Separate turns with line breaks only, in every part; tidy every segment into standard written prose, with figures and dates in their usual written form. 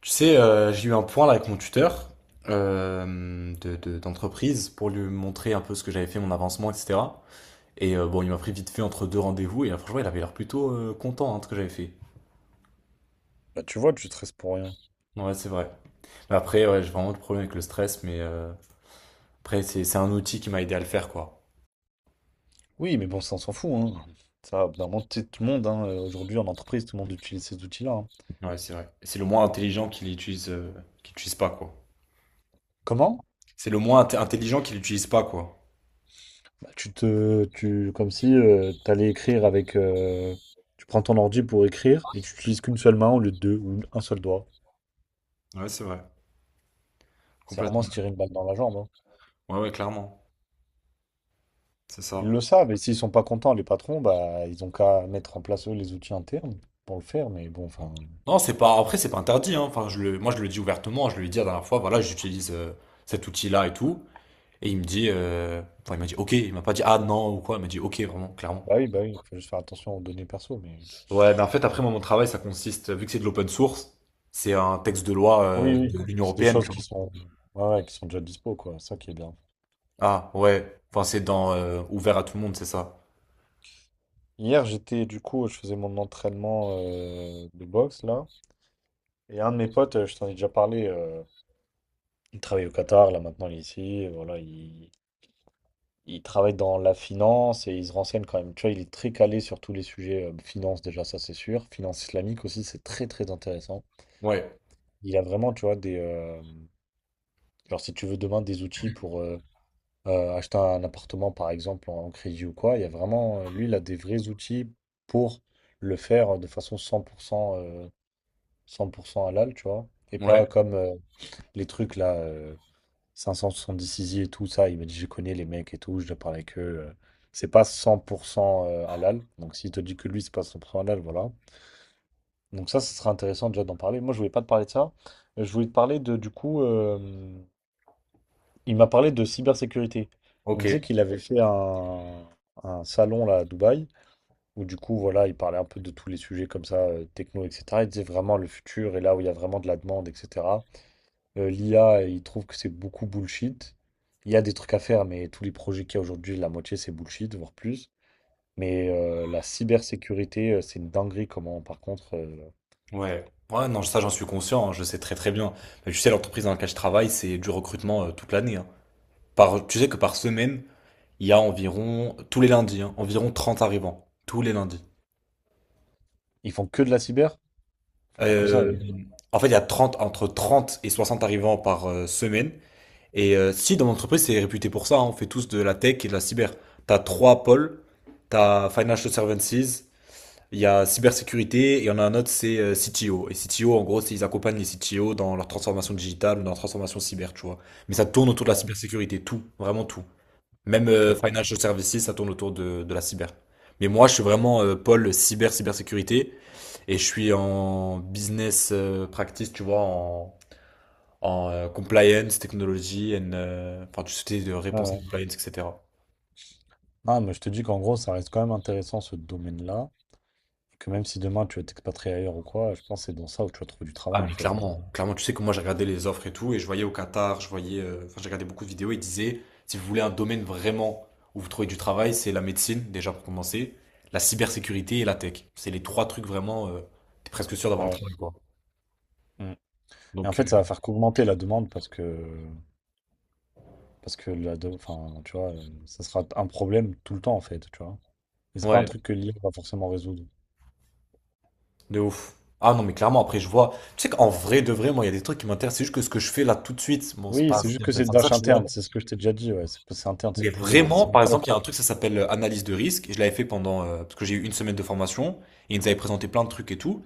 Tu sais, j'ai eu un point là avec mon tuteur d'entreprise pour lui montrer un peu ce que j'avais fait, mon avancement, etc. Et bon, il m'a pris vite fait entre deux rendez-vous et là, franchement, il avait l'air plutôt content, hein, de ce que j'avais fait.
Bah tu vois, tu stresses pour rien.
Ouais, c'est vrai. Mais après, ouais, j'ai vraiment le problème avec le stress, mais après, c'est un outil qui m'a aidé à le faire, quoi.
Oui, mais bon, ça, on s'en fout, hein. Ça, au bout d'un moment, tu sais, tout le monde, hein, aujourd'hui en entreprise, tout le monde utilise ces outils-là, hein.
Ouais, c'est vrai. C'est le moins intelligent qui l'utilise pas, quoi.
Comment?
C'est le moins intelligent qui l'utilise pas, quoi.
Bah, comme si tu t'allais écrire avec, tu prends ton ordi pour écrire et tu utilises qu'une seule main au lieu de deux ou un seul doigt.
Ouais, c'est vrai.
C'est vraiment se
Complètement.
tirer une balle dans la jambe, hein.
Ouais, ouais, clairement. C'est
Ils
ça.
le savent et s'ils sont pas contents, les patrons, bah ils ont qu'à mettre en place eux les outils internes pour le faire. Mais bon, enfin,
Non, c'est pas. Après, c'est pas interdit, hein. Enfin, moi, je le dis ouvertement. Je lui ai dit la dernière fois, voilà, j'utilise cet outil-là et tout. Et enfin, il m'a dit ok. Il m'a pas dit ah non ou quoi. Il m'a dit ok, vraiment, clairement.
bah oui, il faut juste faire attention aux données perso, mais.
Ouais, mais en fait, après, moi, mon travail, ça consiste, vu que c'est de l'open source, c'est un texte de loi
Oui,
de
oui.
l'Union
C'est des
européenne,
choses
tu
qui
vois.
sont, ouais, ouais, qui sont déjà dispo, quoi. Ça qui est bien.
Ah ouais. Enfin, c'est dans ouvert à tout le monde, c'est ça.
Hier, j'étais, du coup, je faisais mon entraînement de boxe, là. Et un de mes potes, je t'en ai déjà parlé, il travaille au Qatar, là, maintenant, il est ici. Et voilà, il travaille dans la finance et il se renseigne quand même. Tu vois, il est très calé sur tous les sujets de finance, déjà, ça, c'est sûr. Finance islamique aussi, c'est très, très intéressant.
Ouais.
Il a vraiment, tu vois, des genre, si tu veux demain, des outils pour acheter un appartement par exemple en crédit ou quoi, il y a vraiment, lui, il a des vrais outils pour le faire de façon 100%, 100% halal, tu vois. Et
Ouais.
pas comme les trucs là, 576 i et tout ça, il m'a dit je connais les mecs et tout, je dois parler avec eux. C'est pas 100% halal, donc s'il te dit que lui, c'est pas 100% halal, voilà. Donc ça, ce sera intéressant déjà d'en parler. Moi, je voulais pas te parler de ça. Je voulais te parler de, du coup, il m'a parlé de cybersécurité. Il
Ok.
me disait qu'il avait fait un salon là à Dubaï, où du coup, voilà, il parlait un peu de tous les sujets comme ça, techno, etc. Il disait vraiment le futur et là où il y a vraiment de la demande, etc. l'IA, il trouve que c'est beaucoup bullshit. Il y a des trucs à faire, mais tous les projets qu'il y a aujourd'hui, la moitié, c'est bullshit, voire plus. Mais la cybersécurité, c'est une dinguerie comment, par contre,
Ouais. Ouais, non, ça, j'en suis conscient, hein, je sais très très bien. Mais tu sais, l'entreprise dans laquelle je travaille, c'est du recrutement toute l'année, hein. Tu sais que par semaine, il y a environ, tous les lundis, hein, environ 30 arrivants. Tous les lundis.
ils font que de la cyber? Ils font pas que ça,
Euh,
eux.
en fait, il y a 30 entre 30 et 60 arrivants par semaine. Et si dans l'entreprise, c'est réputé pour ça, hein, on fait tous de la tech et de la cyber. T'as trois pôles, t'as Financial Services, il y a cybersécurité, et il y en a un autre, c'est CTO. Et CTO, en gros, c'est ils accompagnent les CTO dans leur transformation digitale ou dans leur transformation cyber, tu vois. Mais ça tourne autour de
Ah,
la
ok,
cybersécurité, tout, vraiment tout. Même
ok.
Financial Services, ça tourne autour de la cyber. Mais moi, je suis vraiment pôle cyber, cybersécurité, et je suis en business practice, tu vois, compliance, technology, and, enfin, tout ce qui est de
Ah,
réponse à
ouais.
compliance, etc.
Non, mais je te dis qu'en gros, ça reste quand même intéressant ce domaine-là. Et que même si demain tu veux t'expatrier ailleurs ou quoi, je pense que c'est dans ça où tu vas trouver du
Ah,
travail en
mais
fait, hein.
clairement, clairement, tu sais que moi, j'ai regardé les offres et tout, et je voyais au Qatar, enfin, j'ai regardé beaucoup de vidéos, ils disaient, si vous voulez un domaine vraiment où vous trouvez du travail, c'est la médecine, déjà pour commencer, la cybersécurité et la tech. C'est les trois trucs vraiment, t'es presque sûr d'avoir un
Ouais.
travail, quoi.
Mm. Et en
Donc,
fait, ça va faire qu'augmenter la demande parce que Parce que la do enfin, tu vois, ça sera un problème tout le temps, en fait, tu vois? Et c'est pas un
ouais.
truc que l'IA va forcément résoudre.
De ouf. Ah non, mais clairement, après, je vois. Tu sais qu'en vrai, de vrai, moi, il y a des trucs qui m'intéressent. C'est juste que ce que je fais là tout de suite, bon, c'est
Oui,
pas
c'est juste
assez
que c'est une
intéressant que ça,
tâche
tu vois.
interne, c'est ce que je t'ai déjà dit, ouais. C'est interne, c'est
Mais
pourri, mais
vraiment,
c'est une
par
tâche.
exemple, il y a un truc, ça s'appelle analyse de risque. Et je l'avais fait pendant. Parce que j'ai eu une semaine de formation. Et ils nous avaient présenté plein de trucs et tout.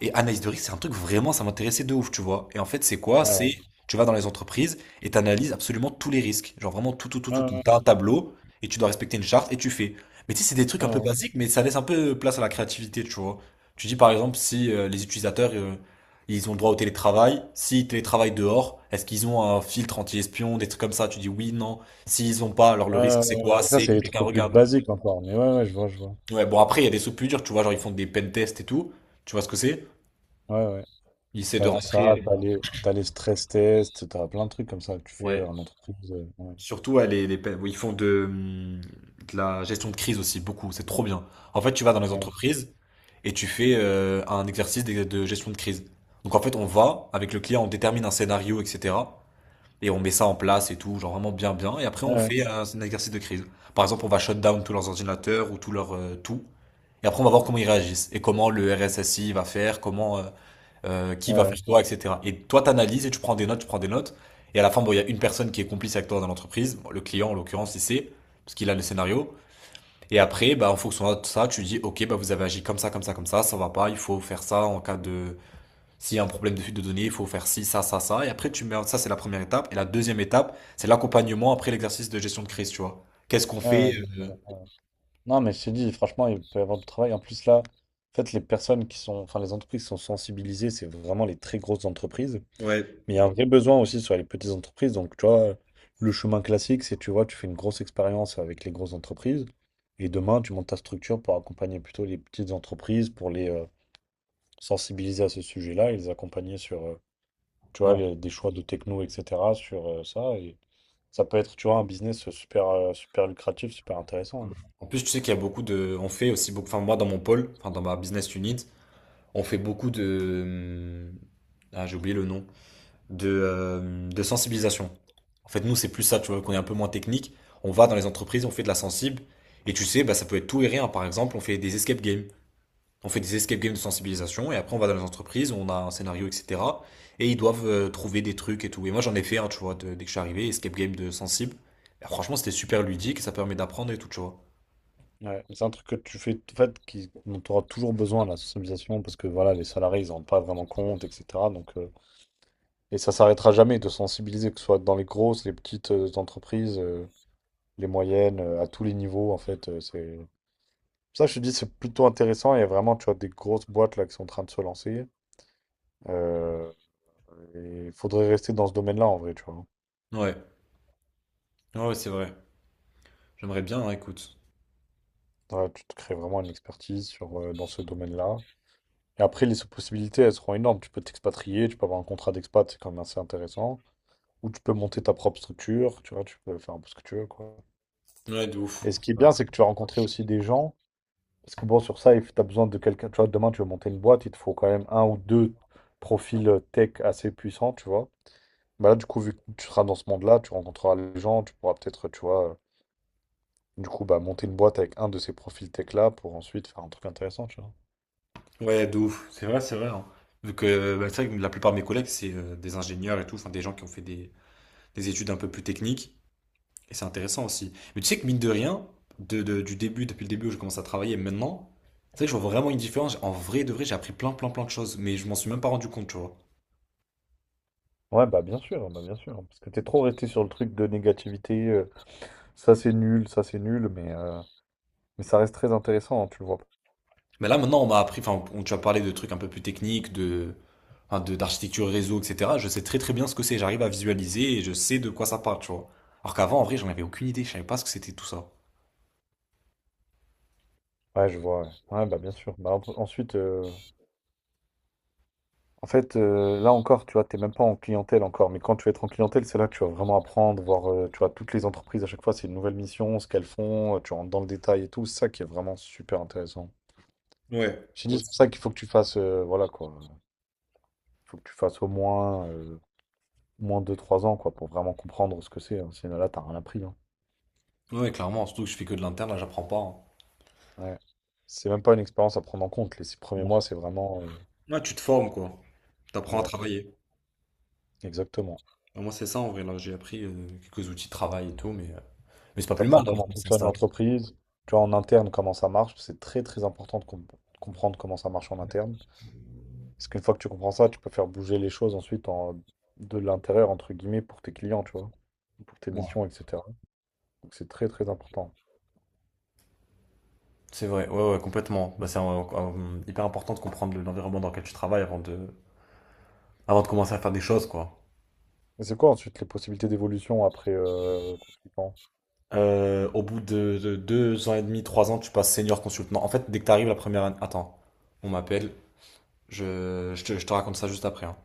Et analyse de risque, c'est un truc vraiment, ça m'intéressait de ouf, tu vois. Et en fait, c'est quoi?
Ouais, ouais.
Tu vas dans les entreprises et tu analyses absolument tous les risques. Genre vraiment tout, tout, tout,
Ouais,
tout,
ouais,
tout.
ouais.
T'as un tableau et tu dois respecter une charte et tu fais. Mais tu sais, c'est des trucs
Ouais,
un peu
ouais.
basiques, mais ça laisse un peu place à la créativité, tu vois. Tu dis par exemple si les utilisateurs, ils ont le droit au télétravail. S'ils télétravaillent dehors, est-ce qu'ils ont un filtre anti-espion, des trucs comme ça? Tu dis oui, non. S'ils ont pas, alors le
Ouais,
risque,
ouais,
c'est
ouais,
quoi?
ouais. Ça,
C'est
c'est
que
les trucs
quelqu'un
les plus
regarde.
basiques encore, mais ouais, ouais, je vois, je vois.
Ouais, bon, après, il y a des sous plus durs, tu vois, genre ils font des pen tests et tout. Tu vois ce que c'est?
Ouais, ouais.
Ils essaient de
T'as ça,
rentrer.
t'as les stress tests, t'as plein de trucs comme ça que tu fais
Ouais.
en entreprise, ouais.
Surtout, ouais, ils font de la gestion de crise aussi, beaucoup. C'est trop bien. En fait, tu vas dans les
Ouais,
entreprises et tu fais un exercice de gestion de crise. Donc, en fait, on va avec le client, on détermine un scénario, etc. Et on met ça en place et tout, genre vraiment bien, bien. Et après, on
ouais,
fait un exercice de crise. Par exemple, on va shut down tous leurs ordinateurs ou tout leur tout. Et après, on va voir comment ils réagissent et comment, le RSSI va faire, qui
ouais,
va faire
ouais,
quoi, etc. Et toi, t'analyses et tu prends des notes, tu prends des notes. Et à la fin, bon, il y a une personne qui est complice avec toi dans l'entreprise, bon, le client en l'occurrence, il sait, parce qu'il a le scénario. Et après, bah, en fonction de ça, tu dis ok, bah, vous avez agi comme ça, comme ça, comme ça va pas, il faut faire ça s'il y a un problème de fuite de données, il faut faire ci, ça, ça, ça. Et après, Ça, c'est la première étape. Et la deuxième étape, c'est l'accompagnement après l'exercice de gestion de crise, tu vois. Qu'est-ce qu'on
ouais, ouais,
fait?
ouais, je
euh,
vois. Non, mais je te dis, franchement, il peut y avoir du travail. En plus, là, en fait, les personnes qui sont, enfin, les entreprises qui sont sensibilisées, c'est vraiment les très grosses entreprises.
Ouais.
Mais il y a un vrai besoin aussi sur les petites entreprises. Donc, tu vois, le chemin classique, c'est, tu vois, tu fais une grosse expérience avec les grosses entreprises. Et demain, tu montes ta structure pour accompagner plutôt les petites entreprises, pour les sensibiliser à ce sujet-là et les accompagner sur, tu vois,
Ouais.
des choix de techno, etc., sur ça. Et ça peut être, tu vois, un business super, super lucratif, super intéressant, hein.
En plus, tu sais qu'il y a beaucoup de. On fait aussi beaucoup. Enfin, moi, dans mon pôle, enfin, dans ma business unit, on fait beaucoup de. Ah, j'ai oublié le nom. De sensibilisation. En fait, nous, c'est plus ça, tu vois, qu'on est un peu moins technique. On va dans les entreprises, on fait de la sensible. Et tu sais, bah, ça peut être tout et rien. Par exemple, on fait des escape games. On fait des escape games de sensibilisation. Et après, on va dans les entreprises, on a un scénario, etc. Et ils doivent trouver des trucs et tout. Et moi, j'en ai fait un, tu vois, dès que je suis arrivé, escape game de sensible. Et franchement, c'était super ludique. Ça permet d'apprendre et tout, tu vois.
Ouais, mais c'est un truc que tu fais, en fait, qui, dont tu auras toujours besoin, la sensibilisation, parce que voilà, les salariés, ils en rendent pas vraiment compte, etc. Donc, et ça s'arrêtera jamais de sensibiliser, que ce soit dans les grosses, les petites entreprises, les moyennes, à tous les niveaux, en fait. C'est... Ça, je te dis, c'est plutôt intéressant. Il y a vraiment, tu vois, des grosses boîtes là qui sont en train de se lancer. Euh, et il faudrait rester dans ce domaine-là, en vrai, tu vois.
Ouais. Ah, ouais, c'est vrai. J'aimerais bien, hein, écoute.
Ouais, tu te crées vraiment une expertise sur, dans ce domaine-là. Et après, les possibilités, elles seront énormes. Tu peux t'expatrier, tu peux avoir un contrat d'expat, c'est quand même assez intéressant. Ou tu peux monter ta propre structure, tu vois, tu peux faire un peu ce que tu veux, quoi.
Ouais, de ouf.
Et ce
C'est
qui est
vrai.
bien, c'est que tu vas rencontrer aussi des gens. Parce que bon, sur ça, tu as besoin de quelqu'un. Tu vois, demain, tu veux monter une boîte, il te faut quand même un ou deux profils tech assez puissants, tu vois. Bah là, du coup, vu que tu seras dans ce monde-là, tu rencontreras les gens, tu pourras peut-être, tu vois, du coup, bah, monter une boîte avec un de ces profils tech-là pour ensuite faire un truc intéressant, tu vois.
Ouais, de ouf. C'est vrai, c'est vrai, hein. Vu que, bah, c'est vrai que la plupart de mes collègues, c'est des ingénieurs et tout, enfin des gens qui ont fait des études un peu plus techniques. Et c'est intéressant aussi. Mais tu sais que mine de rien, du début, depuis le début où je commence à travailler et maintenant, c'est vrai que je vois vraiment une différence. En vrai de vrai, j'ai appris plein, plein, plein de choses. Mais je m'en suis même pas rendu compte, tu vois.
Ouais, bah bien sûr, bah bien sûr, hein. Parce que t'es trop resté sur le truc de négativité, ça c'est nul, mais ça reste très intéressant, hein, tu le vois.
Mais là, maintenant, on m'a appris, enfin, tu as parlé de trucs un peu plus techniques, enfin, d'architecture réseau, etc. Je sais très très bien ce que c'est. J'arrive à visualiser et je sais de quoi ça parle, tu vois. Alors qu'avant, en vrai, j'en avais aucune idée. Je savais pas ce que c'était tout ça.
Ouais, je vois, ouais. Ouais, bah bien sûr. Bah, ensuite, en fait, là encore, tu vois, t'es même pas en clientèle encore, mais quand tu vas être en clientèle, c'est là que tu vas vraiment apprendre, voir, tu vois, toutes les entreprises à chaque fois, c'est une nouvelle mission, ce qu'elles font, tu rentres dans le détail et tout, c'est ça qui est vraiment super intéressant.
Ouais.
J'ai
Ouais.
dit, c'est pour ça qu'il faut que tu fasses, voilà quoi, faut que tu fasses au moins, moins 2 3 ans quoi, pour vraiment comprendre ce que c'est, hein. Sinon, là, t'as rien appris, hein.
Ouais, clairement, surtout que je fais que de l'interne, là, j'apprends pas, hein.
Ouais. C'est même pas une expérience à prendre en compte. Les 6 premiers mois, c'est vraiment.
Ouais, tu te formes, quoi. T'apprends à
Ouais,
travailler.
exactement.
Ouais, moi, c'est ça, en vrai, là, j'ai appris quelques outils de travail et tout, mais c'est pas plus
T'apprends
mal d'avoir
comment
commencé un
fonctionne
stage.
l'entreprise, tu vois, en interne, comment ça marche. C'est très très important de comprendre comment ça marche en interne. Parce qu'une fois que tu comprends ça, tu peux faire bouger les choses ensuite en... de l'intérieur, entre guillemets, pour tes clients, tu vois, pour tes
Ouais.
missions, etc. Donc c'est très très important.
C'est vrai, ouais, ouais, complètement. Bah, c'est hyper important de comprendre l'environnement dans lequel tu travailles avant de commencer à faire des choses, quoi.
Mais c'est quoi ensuite les possibilités d'évolution après consultant?
Au bout de 2 ans et demi, 3 ans, tu passes senior consultant. En fait, dès que tu arrives la première année. Attends, on m'appelle. Je te raconte ça juste après, hein.